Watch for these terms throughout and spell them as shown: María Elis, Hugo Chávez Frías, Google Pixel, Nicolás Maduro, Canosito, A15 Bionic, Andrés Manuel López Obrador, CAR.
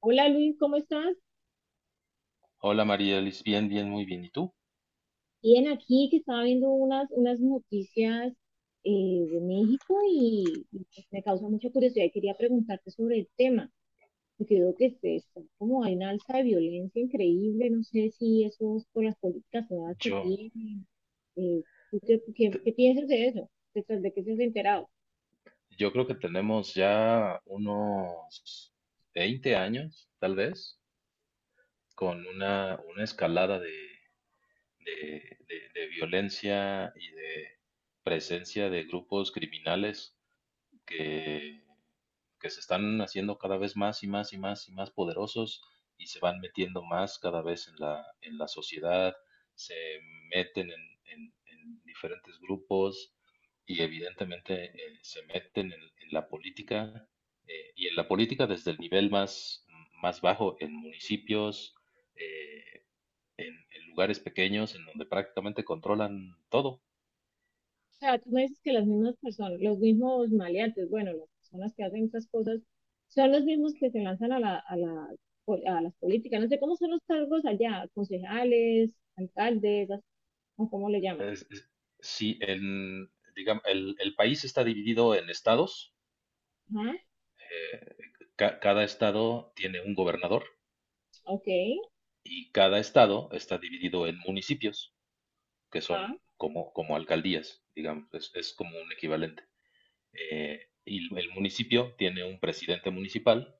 Hola Luis, ¿cómo estás? Hola María Elis, muy bien. ¿Y tú? Bien, aquí que estaba viendo unas noticias de México y pues me causa mucha curiosidad y quería preguntarte sobre el tema, porque veo que está como hay una alza de violencia increíble, no sé si eso es por las políticas nuevas que Yo, tienen. Eh, ¿Tú qué piensas de eso? De qué se has enterado? yo creo que tenemos ya unos 20 años, tal vez, con una escalada de violencia y de presencia de grupos criminales que, que se están haciendo cada vez más y más y más y más poderosos y se van metiendo más cada vez en la sociedad, se meten en diferentes grupos y evidentemente se meten en la política y en la política desde el nivel más bajo, en municipios, eh, en lugares pequeños, en donde prácticamente controlan todo. O sea, tú me dices que las mismas personas, los mismos maleantes, bueno, las personas que hacen esas cosas, son los mismos que se lanzan a las políticas. No sé cómo son los cargos allá, concejales, alcaldes, o cómo le llaman. es- es- sí, en, digamos, el país está dividido en estados. Ajá, eh, Cada estado tiene un gobernador ok, y cada estado está dividido en municipios, que son ajá, como alcaldías, digamos, es como un equivalente. Y el municipio tiene un presidente municipal,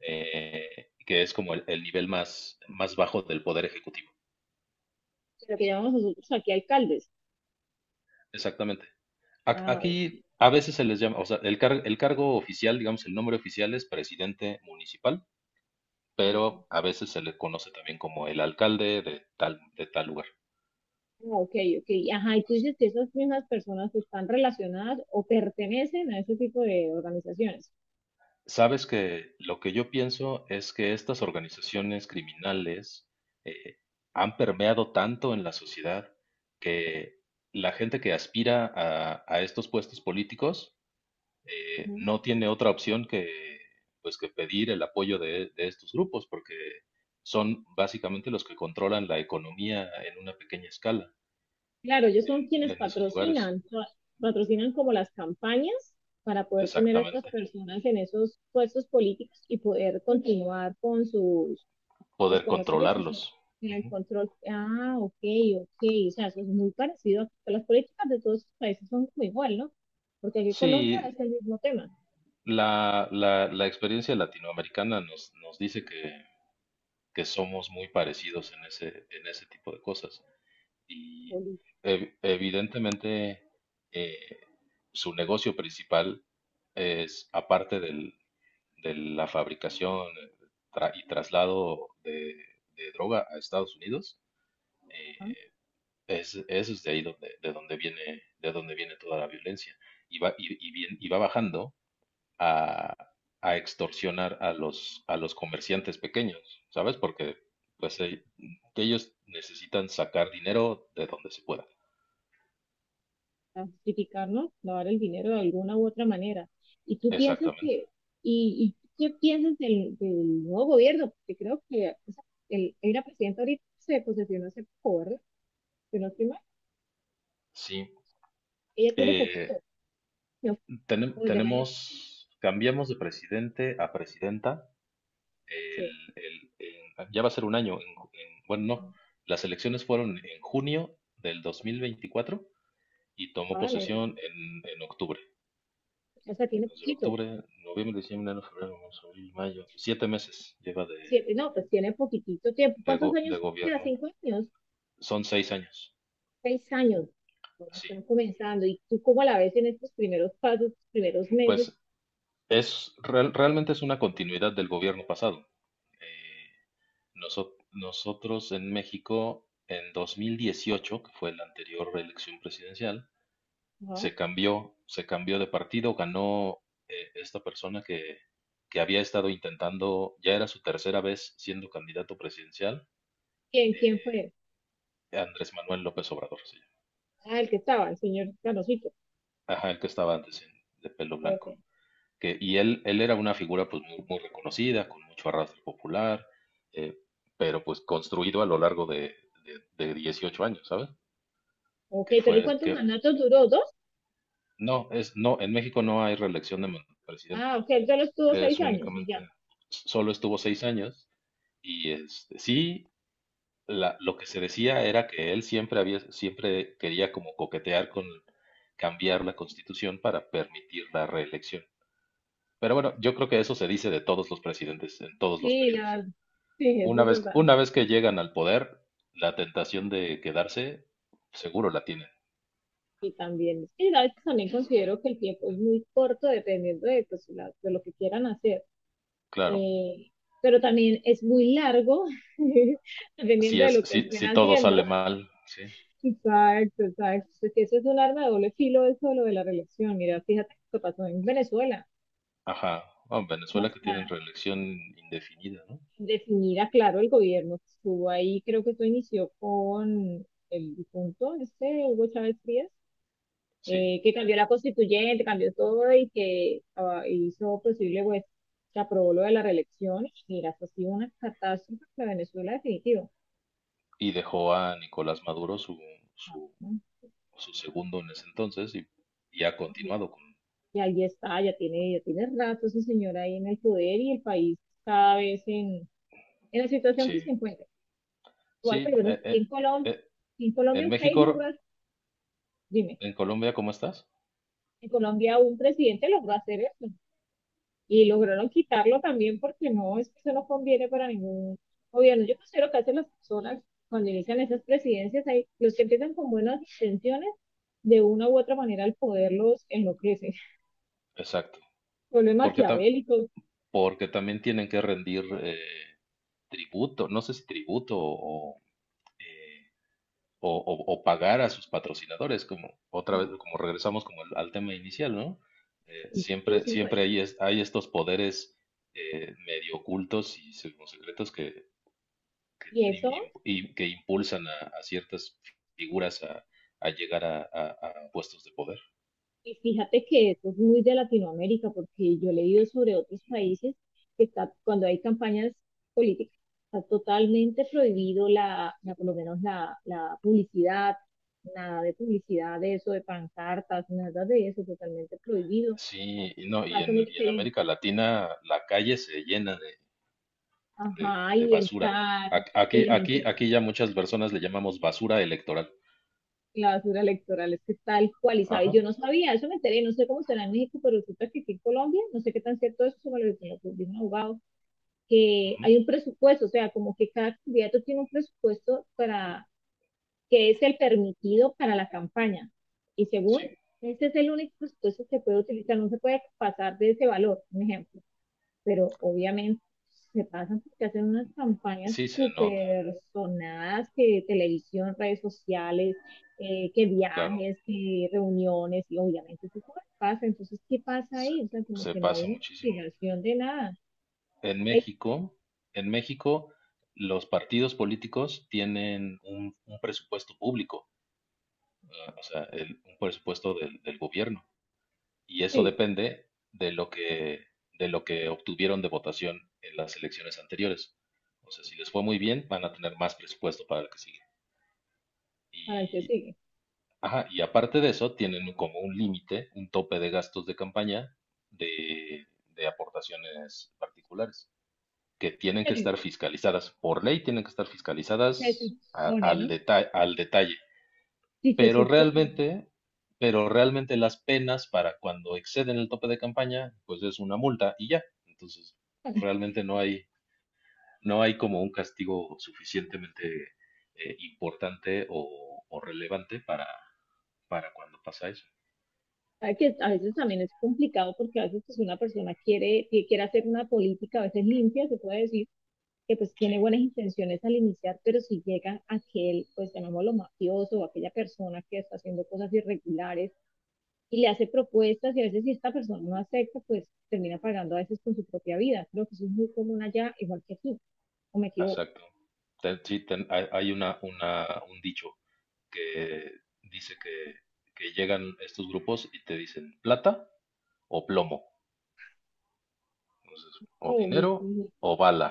que es como el nivel más bajo del poder ejecutivo. lo que llamamos nosotros aquí alcaldes. Exactamente. Ah, Aquí ok, a veces se les llama, o sea, el cargo oficial, digamos, el nombre oficial es presidente municipal, ok, pero a veces se le conoce también como el alcalde de de tal lugar. ah, ok, ok, ajá, y tú dices que esas mismas personas están relacionadas o pertenecen a ese tipo de organizaciones. Sabes que lo que yo pienso es que estas organizaciones criminales eh, han permeado tanto en la sociedad que la gente que aspira a estos puestos políticos, no tiene otra opción pues, que pedir el apoyo de estos grupos, porque son básicamente los que controlan la economía en una pequeña escala Claro, ellos son quienes en esos lugares. Patrocinan como las campañas para poder poner a estas Exactamente. personas en esos puestos políticos y poder continuar con sus, pues Poder con los ejercicios controlarlos. en el Ujú. control. Ah, ok, ok, o sea, eso es muy parecido a que las políticas de todos los países son como igual, ¿no? Porque aquí en Colombia Sí, es el mismo tema, la experiencia latinoamericana nos dice que somos muy parecidos en en ese tipo de cosas. Y política. Evidentemente eh, su negocio principal es, aparte de la fabricación, y traslado de droga a Estados Unidos. eh, Eso es de ahí donde, de donde viene toda la violencia. Y va bajando a, a extorsionar a a los comerciantes pequeños, ¿sabes? Porque pues eh, ellos necesitan sacar dinero de donde se pueda. A justificarnos, lavar el dinero de alguna u otra manera. Y tú piensas Exactamente. que, y qué piensas del nuevo gobierno, porque creo que, o sea, el, hay una presidenta ahorita que se posesionó hace poco, ¿verdad? Si no estoy mal, Sí. ella tiene Eh, poquito, no, del año, Tenemos, cambiamos de presidente a presidenta. El, se- ya va a ser un año. En ju- en- bueno, no. Las elecciones fueron en junio del 2024 y tomó ah, el año, posesión en octubre. o sea, tiene Nos lleva poquito, octubre, noviembre, diciembre, enero, febrero, marzo, abril, mayo. 7 meses lleva siete, no, pues tiene poquitito tiempo. ¿Cuántos de años? Ya, gobierno. cinco años, Son 6 años. seis años. Bueno, Sí, están comenzando, y tú cómo la ves en estos primeros pasos, primeros meses. pues realmente es una continuidad del gobierno pasado. Eh, Nosotros en México en 2018, que fue la anterior elección presidencial, Ajá. Se cambió de partido, ganó esta persona que había estado intentando, ya era su tercera vez siendo candidato presidencial. ¿Quién, quién eh, fue? Andrés Manuel López Obrador, sí. Ah, el que estaba, el señor Canosito. Ajá, el que estaba de pelo Ok, blanco. Y él era una figura, pues muy reconocida, con mucho arrastre popular, eh, pero pues construido a lo largo de 18 años, ¿sabes? ok, Que pero ¿el, fue, cuántos que mandatos duró? ¿Dos? No, en México no hay reelección de presidente, Ah, ok, él solo estuvo seis es años y ya. únicamente, solo estuvo 6 años. Y este, sí, lo que se decía era que él siempre había, siempre quería como coquetear con cambiar la constitución para permitir la reelección. Pero bueno, yo creo que eso se dice de todos los presidentes en todos los Sí, la periodos. verdad. Sí, eso Una es vez, verdad. una vez que llegan al poder, la tentación de quedarse, seguro la tienen, Y también, es que a veces también considero que el tiempo es muy corto dependiendo de, pues, de lo que quieran hacer. claro. Eh, pero también es muy largo Si dependiendo de es, lo que si, estén Si todo haciendo. sale mal, sí. Exacto, exacto. Porque eso es un arma de doble filo, eso de lo de la relación. Mira, fíjate lo que pasó en Venezuela. Ajá. Ah, en ¿Cómo Venezuela que tienen está? reelección indefinida, ¿no? Definida, claro, el gobierno que estuvo ahí, creo que esto inició con el difunto, este Hugo Chávez Frías, Sí. Que cambió la constituyente, cambió todo y que, ah, hizo posible, pues, se aprobó lo de la reelección. Y mira, eso ha sido una catástrofe para Venezuela, definitivo. Y dejó a Nicolás Maduro su ¿No? su segundo en ese entonces, y ha continuado con... Y ahí está, ya tiene rato ese señor ahí en el poder y el país cada vez en la situación que se Sí, encuentra. Igual, sí. pero bueno, aquí eh, en Colombia en un país México, rural, dime. en Colombia, ¿cómo estás? En Colombia un presidente logró hacer eso y lograron quitarlo también porque no, es que eso no conviene para ningún gobierno. Yo considero que hacen las personas cuando inician esas presidencias, hay, los que empiezan con buenas intenciones, de una u otra manera al poder los enloquece, Exacto. vuelven Porque, ta- maquiavélicos, Porque también tienen que rendir tributo, no sé si tributo eh, o pagar a sus patrocinadores, como otra vez, como regresamos como al tema inicial, ¿no? Siempre hay estos poderes medio ocultos y secretos y y- y- eso. y que impulsan a ciertas figuras a llegar a puestos de poder. Y fíjate que eso es muy de Latinoamérica, porque yo he leído sobre otros países que está, cuando hay campañas políticas, está totalmente prohibido por lo menos la publicidad, nada de publicidad de eso, de pancartas, nada de eso, totalmente prohibido. Sí, y no, Caso muy y en diferente. América Latina la calle se llena Ajá, de y el basura. CAR, y la gente, Aquí ya muchas personas le llamamos basura electoral. la basura electoral es que es tal cual, y sabe, yo Ajá, no sabía, eso me enteré, no sé cómo será en México, pero resulta que aquí en Colombia, no sé qué tan cierto es, eso me lo dijo un abogado, que ujú, hay un presupuesto, o sea, como que cada candidato tiene un presupuesto para que es el permitido para la campaña. Y sí, según, este es el único presupuesto que puede utilizar, no se puede pasar de ese valor, un ejemplo, pero obviamente se pasan porque hacen unas campañas sí se nota, súper sonadas que televisión, redes sociales, que claro, viajes, que reuniones, y obviamente eso se pasa. Entonces, ¿qué pasa se, ahí? O sea, como se que no hay pasa una muchísimo. investigación de nada. En Eh, México, en México, los partidos políticos tienen un presupuesto público, eh, o sea, un presupuesto del del gobierno. Y eso sí, depende de lo que obtuvieron de votación en las elecciones anteriores. O sea, si les fue muy bien, van a tener más presupuesto para el que sigue. para el que Y, sigue. ajá, y aparte de eso, tienen como un límite, un tope de gastos de campaña de, de aportaciones particulares, que tienen que estar Terrible. fiscalizadas. Por ley tienen que estar Se fiscalizadas supone, al ¿no? detalle, al detalle. Si se Pero supone. realmente, pero realmente las penas para cuando exceden el tope de campaña, pues es una multa y ya. Entonces, realmente no hay como un castigo suficientemente importante o relevante para cuando pasa eso. Sabe que a veces también es complicado porque a veces, pues, una persona quiere, que quiere hacer una política, a veces limpia, se puede decir, que pues Sí, tiene buenas intenciones al iniciar, pero si llega aquel, pues llamémoslo mafioso, o aquella persona que está haciendo cosas irregulares y le hace propuestas y a veces si esta persona no acepta, pues termina pagando a veces con su propia vida. Creo que eso es muy común allá, igual que aquí, o me equivoco. exacto. Hay hay un dicho que dice que llegan estos grupos y te dicen plata o plomo, entonces, o Oh, muy, dinero muy, o bala.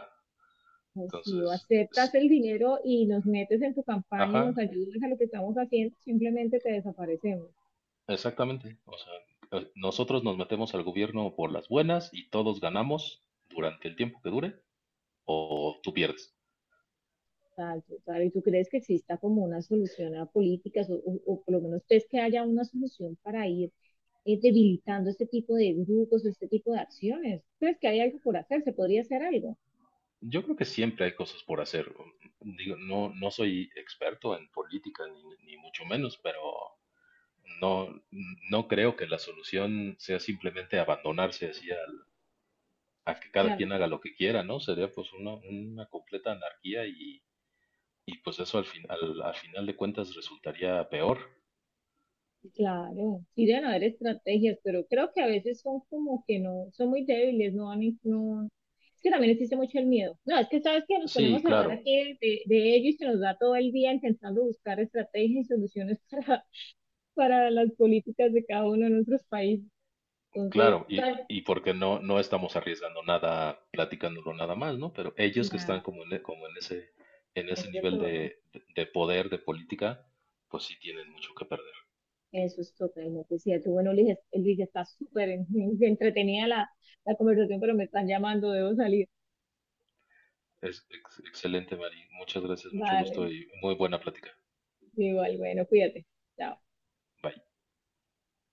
pues si o Entonces, si- aceptas el dinero y nos metes en tu campaña y nos Ajá, ayudas a lo que estamos haciendo, simplemente te desaparecemos. exactamente. O sea, nosotros nos metemos al gobierno por las buenas y todos ganamos durante el tiempo que dure o tú pierdes. Tal, tal. ¿Y tú crees que exista como una solución a políticas o, o por lo menos crees que haya una solución para ir debilitando este tipo de grupos o este tipo de acciones? ¿Crees que hay algo por hacer? ¿Se podría hacer algo? O Yo creo que siempre hay cosas por hacer. Digo, no soy experto en política ni, ni mucho menos, pero no, no creo que la solución sea simplemente a que cada sea, quien haga lo que quiera, ¿no? Sería pues una completa anarquía y pues eso al fin, al al final de cuentas resultaría peor. claro, sí deben haber estrategias, pero creo que a veces son como que no, son muy débiles, no van, no, es que también existe mucho el miedo. No, es que sabes que nos Sí, ponemos a hablar claro. aquí de, de ello y se nos da todo el día intentando buscar estrategias y soluciones para las políticas de cada uno de nuestros países. Entonces, Claro, y porque no, no estamos arriesgando nada, platicándolo nada más, ¿no? Pero ellos que están la, como como en en en ese ese nivel entorno, de poder, de política, pues sí tienen mucho que perder. eso es totalmente cierto. Bueno, Luis, Luis está súper entretenida la, la conversación, pero me están llamando, debo salir. Excelente, Mari. Muchas gracias, mucho Vale, gusto y muy buena plática. igual, bueno, cuídate. Chao. Bye.